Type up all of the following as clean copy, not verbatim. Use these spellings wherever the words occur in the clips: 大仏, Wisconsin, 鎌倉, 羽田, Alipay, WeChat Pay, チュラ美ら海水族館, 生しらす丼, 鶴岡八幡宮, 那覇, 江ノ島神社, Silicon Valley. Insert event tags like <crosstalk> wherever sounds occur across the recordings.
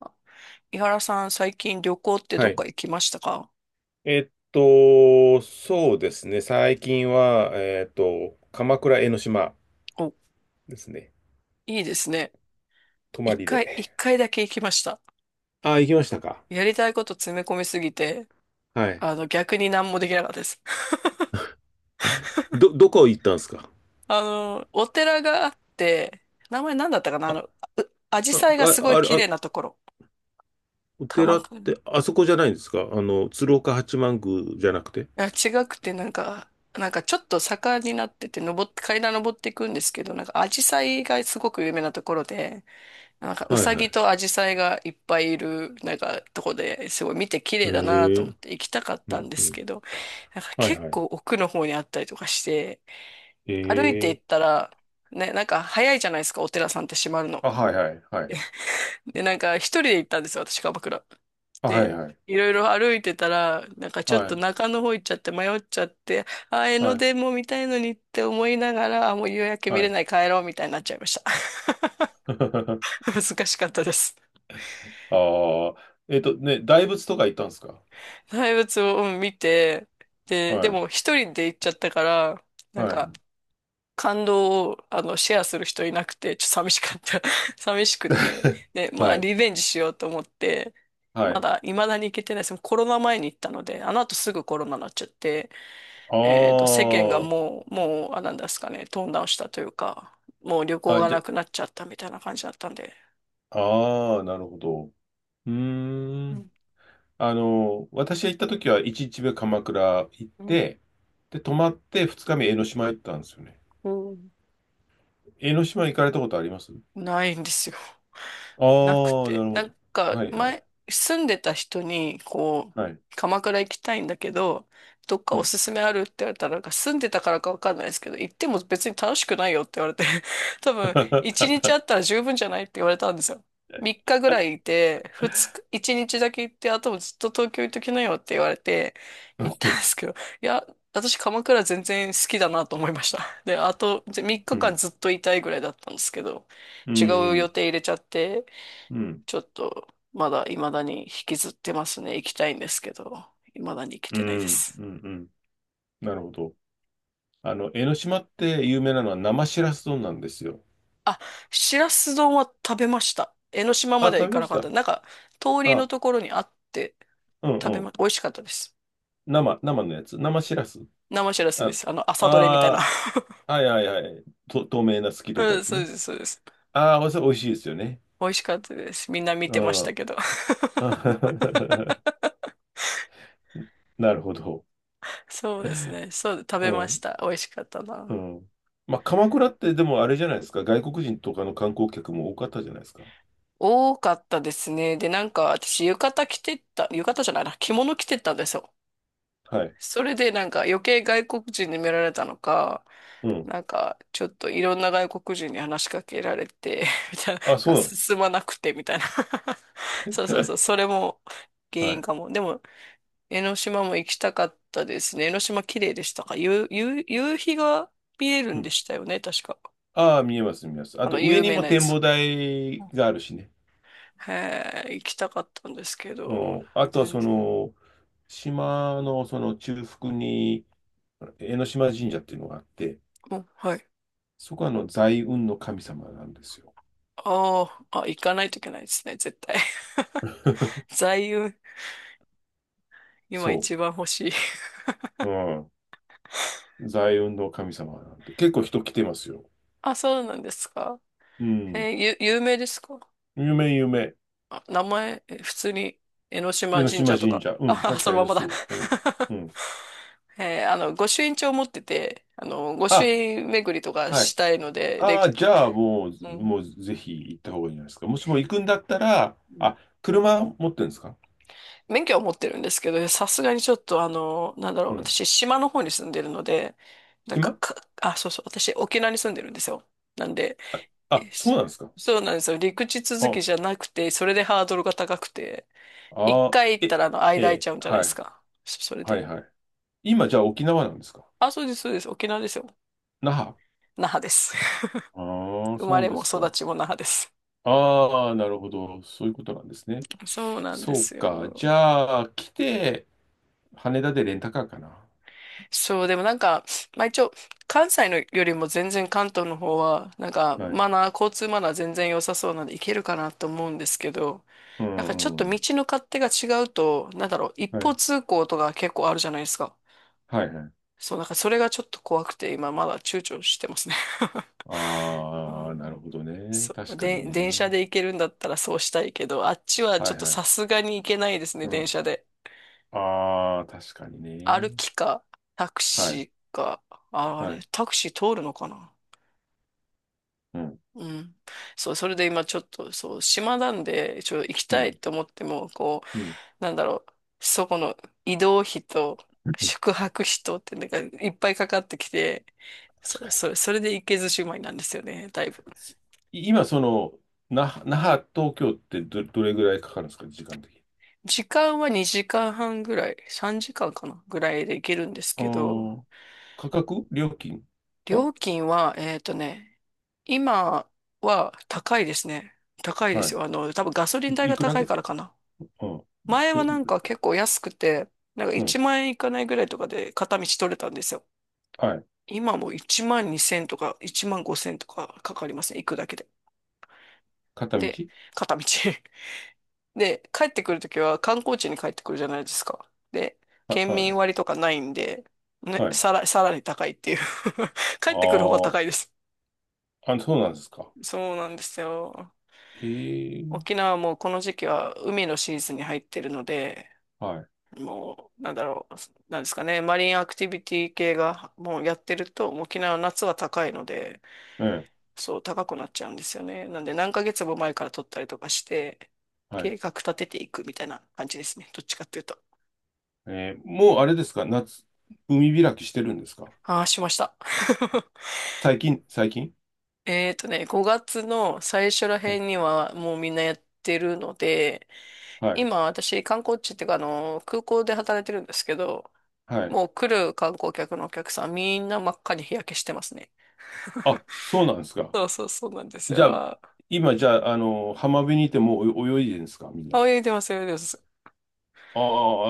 あ、井原さん、最近旅行ってはどっい。か行きましたか？そうですね。最近は、鎌倉江ノ島お、ですね。いいですね。泊ま一り回、一で。回だけ行きました。あ、行きましたか。やりたいこと詰め込みすぎて、はい。逆に何もできなかったです。<laughs> どこ行ったんですか？お寺があって、名前何だったかなあ、紫陽あ、花があ、すごいあれ、綺あ、麗なところ。お鎌寺っ倉。て、あそこじゃないんですか？あの、鶴岡八幡宮じゃなくて。あ、違くて、なんかちょっと坂になってて、登って、階段登っていくんですけど、なんかアジサイがすごく有名なところで、なんかウはいサはギい。とアジサイがいっぱいいる、なんかとこですごい見て綺へ麗だなと思っえ。て行きたかっうたんん、でうすん。けど、なんかはい結はい。構奥の方にあったりとかして、へ歩いてえ。行ったら、ね、なんか早いじゃないですか、お寺さんって閉まるの。あ、はいはいはい。で、なんか一人で行ったんですよ、私、鎌倉。あ、はで、いはい。いろいろ歩いてたら、なんかちょっはとい、中の方行っちゃって迷っちゃって、あー、江ノはい、電も見たいのにって思いながら、あ、もう夕焼けは見れい。ない帰ろうみたいになっちゃいました。<laughs> <laughs> 難しかったです。ああ。大仏とか行ったんですか？大仏を見て、はで、でい、も一人で行っちゃったから、なんはかい。感動をシェアする人いなくて、ちょっと寂しかった。<laughs> 寂しくて。で、まはあ、い。リベンジしようと思って、はまい。だ未だに行けてないです。コロナ前に行ったので、あの後すぐコロナになっちゃって、あ世間がもう、あ、なんですかね、トーンダウンしたというか、もう旅あ。行あ、がじゃ、なくなっちゃったみたいな感じだったんで。ああ、なるほど。うーうん。ん、私が行った時は1日目鎌倉行っうん、て、で、泊まって2日目江ノ島行ったんですよね。うん、江ノ島行かれたことあります？ないんですよ。ああなくー、なて。るほなど。んか、はい、はい。前、住んでた人に、こう、はい。鎌倉行きたいんだけど、どっかうおん。すすめあるって言われたら、なんか住んでたからかわかんないですけど、行っても別に楽しくないよって言われて、<laughs> 多分、一日あったら十分じゃないって言われたんですよ。3日ぐらいいて、2日、1日だけ行って、あともずっと東京行っときなよって言われて、行ったん <laughs> ですけど、いや、私鎌倉全然好きだなと思いました。で、あと3う日間ん。ずっといたいぐらいだったんですけど、う違う予ん。定入れちゃって、うん。うん。ちょっとまだ未だに引きずってますね。行きたいんですけど、未だに行けうてないでん。す。うんうん、なるほど。江ノ島って有名なのは生しらす丼なんですよ。あ、しらす丼は食べました。江ノ島あ、まで食は行べかまなしかった。た。なんか、通りのあ、ところにあってう食べん、ま、美味しかったです。生のやつ。生しらす。生しらすであ、す。あの、朝どれみたいな。あー、<laughs> はいはいはい。透明な透き通ったうやん、つそうでね。す、そうです。ああ、それ美味しいですよね。美味しかったです。みんな見てましうたん。けど。<laughs> <laughs> なるほど。そうですね。そう、食うべましん。た。美味しかったうな。ん。まあ、鎌倉ってでもあれじゃないですか。外国人とかの観光客も多かったじゃないですか。多かったですね。で、なんか私浴衣着てった、浴衣じゃないな、着物着てったんですよ。はい。それでなんか余計外国人に見られたのか、うん。なんかちょっといろんな外国人に話しかけられて、<laughs> みたいあ、そな、う進まなくてみたいな。<laughs> なそうそうの。そう、それも <laughs> 原は因い。かも。でも、江ノ島も行きたかったですね。江ノ島綺麗でしたか？夕日が見えるうんでん。したよね、確か。ああ、見えます、見えます。ああの、と、上有に名もなや展つ。望台があるしね。へえ、行きたかったんですけうど、ん。あとは、全そ然。の、島のその中腹に、江ノ島神社っていうのがあって、お、はい。そこはあの財運の神様なんですよ。ああ、あ、行かないといけないですね、絶対。<laughs> <laughs> 座右、今そ一番欲しい。<laughs> う。うん。財運の神様なんで。結構人来てますよ。あ、そうなんですか。うん。えーゆ、有名ですか？夢夢。あ、名前、え普通に、江ノ江島ノ神島社と神か。社。うん。あ、<laughs> 確そかのまにまそだ。う。う <laughs> ん。あの、御朱印帳持ってて、あの、御朱あ、印巡りとかはしい。たいので、で、ああ、じゃあもうう、ん。もうぜひ行った方がいいんじゃないですか？もしも行くんだったら、あ、車持ってるんですか？免許は持ってるんですけど、さすがにちょっとあの、なんだろう、うん。私、島の方に住んでるので、なんか、暇か、あ、そうそう、私、沖縄に住んでるんですよ。なんで、あ、あ、そそうなんですか。そうなんですよ。陸地続あ、きじゃなくて、それでハードルが高くて、一あ回行っー、たらあえ、の間空いえ、ちゃうんじゃないではすい。か。それはいで。はい。今じゃあ沖縄なんですか？あ、そうです、そうです。沖縄ですよ。那覇？那覇です。<laughs> ああ、生まそうれでもす育か。ちも那覇です。ああ、なるほど。そういうことなんですね。そうなんでそうすか。よ。じゃあ、来て、羽田でレンタカーかな。そう、でもなんか、まあ一応、関西のよりも全然関東の方は、なんかはい。マナー、交通マナー全然良さそうなんで行けるかなと思うんですけど、うなんかちょっんうと道ん。の勝手が違うと、なんだろう、一は方い。通行とか結構あるじゃないですか。はいはい。そう、だからそれがちょっと怖くて、今まだ躊躇してますね。<laughs> うああ、なるん、ほどね。そう、確かにで、電車ね。で行けるんだったらそうしたいけど、あっちはちはょいっとはさい。すがに行けないですね、う電ん。車で。ああ、確かに歩ね。きか、タクはい。シーか、あ、あはれ、い。タクシー通るのかな？うん。うん。そう、それで今ちょっと、そう、島なんで、ちょっと行きうたいん。と思っても、こうん。う、なんだろう、そこの移動費と宿 <laughs> 泊費とってなんかいっぱいかかってきて、確そう、かに。それで行けずじまいなんですよね、だいぶ。今、那覇、東京ってどれぐらいかかるんですか、時間的に。時間は2時間半ぐらい、3時間かんかな、ぐらいで行けるんですあけど、あ。価格料金は？料金は、えっとね、今は高いですね。高いではすよ。あの、多分ガソリい。ン代いがくら高いぐ、からかな。うん。前はえ、なんか結構安くて、なんかうん。1万円いかないぐらいとかで片道取れたんですよ。はい。今も1万2千とか1万5千とかかかりますね。行くだけで。片道？で、片道。<laughs> で、帰ってくるときは観光地に帰ってくるじゃないですか。で、はい、県は民い、割とかないんで、ね、はい。さらに高いっていう <laughs> 帰ってくる方が高いあです。あ、あ、そうなんですか。そうなんですよ。へえ、沖縄はもうこの時期は海のシーズンに入ってるので、はい。もう、なんだろう、なんですかね、マリンアクティビティ系がもうやってると、もう沖縄の夏は高いので、ええ、そう、高くなっちゃうんですよね。なんで、何ヶ月も前から取ったりとかして、はい。計画立てていくみたいな感じですね。どっちかっていうと。もうあれですか、夏、海開きしてるんですか？ああ、しました。<laughs> 最近。えーとね、5月の最初らはい、辺にはもうみんなやってるので、はい。今私観光地っていうかあの空港で働いてるんですけど、はい。もう来る観光客のお客さんみんな真っ赤に日焼けしてますね。あ、そうなんですか。そうそうそうなんですじゃよ。あ、あ、今、じゃあ、浜辺にいてもう泳いでるんですか、みんな。泳いでます、泳いでます。あー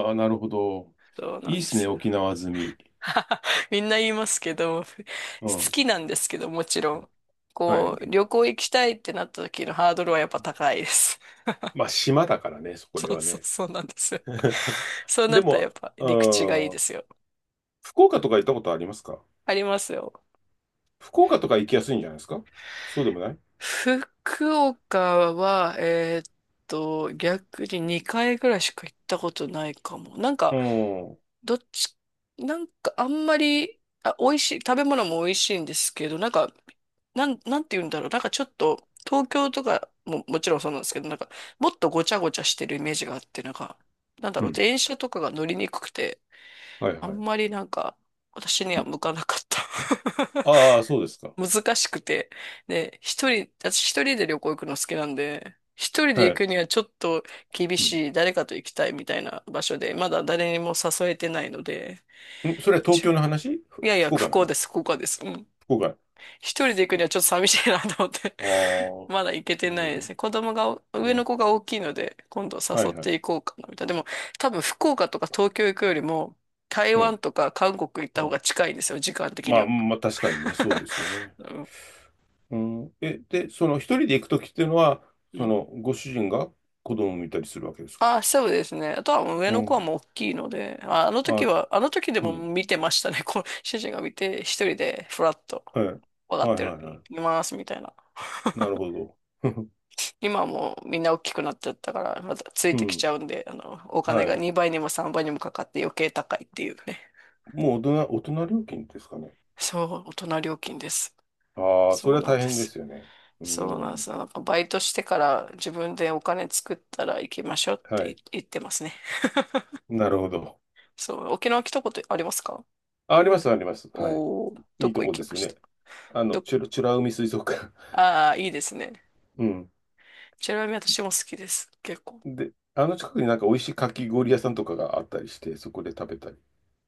あー、なるほど。そうないいんっですね、すよ。沖縄済み。<laughs> みんな言いますけど、好うん。きなんですけど、もちろん。はこう、い。旅行行きたいってなった時のハードルはやっぱ高いです。まあ、島だからね、そ <laughs> こでそうはそうね。そうなんですよ。<laughs> そうなでったらやも、っぱ陸地がいいうでん、すよ。福岡とか行ったことありますか？ありますよ。福岡とか行きやすいんじゃないですか？そうでもない？福岡は、逆に2回ぐらいしか行ったことないかも。なんうか、ん。どっち、なんかあんまり、あ、美味しい、食べ物も美味しいんですけど、なんか、なんて言うんだろう。なんかちょっと、東京とかももちろんそうなんですけど、なんか、もっとごちゃごちゃしてるイメージがあって、なんか、なんだうろう、ん。電車とかが乗りにくくて、はいあんはい。まりなんか、私には向かなかった。ああ、そうです <laughs> か。難しくて。で、私一人で旅行行くの好きなんで、一人では行い。くにはちょっと厳うん。しい、誰かと行きたいみたいな場所で、まだ誰にも誘えてないので、ん、それは東京の話、いやいや、福こ岡のこで話？す、ここです。うん。福岡。一人です行くにはちょっと寂しいなと思って あ <laughs> あ、まだ行けてななるいでほど。すね。子供が、上のね。子が大きいので、今度は誘っいはい。ていこうかな、みたいな。でも、多分福岡とか東京行くよりも、台うん。湾とか韓国行った方あ、が近いんですよ、時間的まにあ、は。まあ、確かにね、そうで <laughs> すよね。うん、うん。え、で、その一人で行くときっていうのは、うん、ご主人が子供を見たりするわけですか？あ、そうですね。あとはもう上うの子はん。もう大きいので、あ、あの時あ、は、あの時でうもん。見てましたね。こう、主人が見て、一人でフラッと、はい。分かっはいてはる、いはいます、みたいな。い。なるほど。<laughs> 今はもうみんな大きくなっちゃったから、またついうてきん。ちゃうんで、あの、お金はがい。2倍にも3倍にもかかって余計高いっていうね。もう大人料金ですかね。そう、大人料金です。ああ、そそれうはな大んで変です。すよね。うそうなんでん。す。なんかバイトしてから自分でお金作ったら行きましょうっはてい。言ってますね。なるほど。そう、沖縄来たことありますか？あ、あります、あります。はい。おー、いどいとこ行こできますよしね。た？あの、ど、チュラ美ら海水族館。ああ、いいですね。<laughs> うん。ちなみに私も好きです。結構。で、あの近くになんか美味しいかき氷屋さんとかがあったりして、そこで食べたり。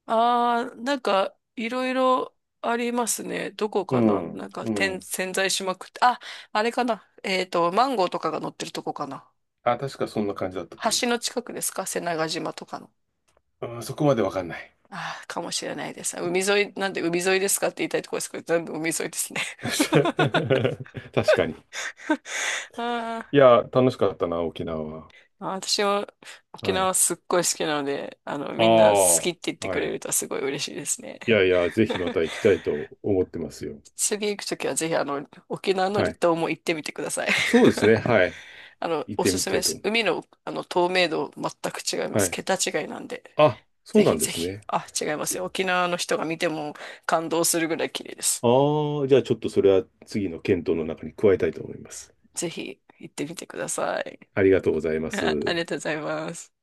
ああ、なんか、いろいろありますね。どこうかな？ん。なんか、う点、ん。潜在しまくって。あ、あれかな？えっと、マンゴーとかが乗ってるとこかな？あ、確かそんな感じだったと思橋の近くですか？瀬長島とかの。う。うん、そこまでわかんない。ああ、かもしれないです。海沿い、なんで海沿いですかって言いたいところですけど、全部海沿いですね。<laughs> <laughs> 確かに。あいーや、楽しかったな、沖縄は。あー、私も沖はい。縄すっごい好きなので、あの、あみあ、んな好きって言ってくはれるい。とすごい嬉しいですね。いやいや、ぜひま <laughs> た行きたいと思ってますよ。次行くときはぜひ、あの、沖縄のは離い。島も行ってみてください。そうですね。<laughs> はい。あの、行っおてすみすめたでいとす。思海の、あの透明度全く違いまう。はす。い。桁違いなんで。あ、そうぜなひんでぜすひ。ね。あ、違いますせよ。沖縄の人が見ても感動するぐらい綺麗です。ああ、じゃあちょっとそれは次の検討の中に加えたいと思います。ぜひ行ってみてください。ありがとうござい <laughs> まありす。がとうございます。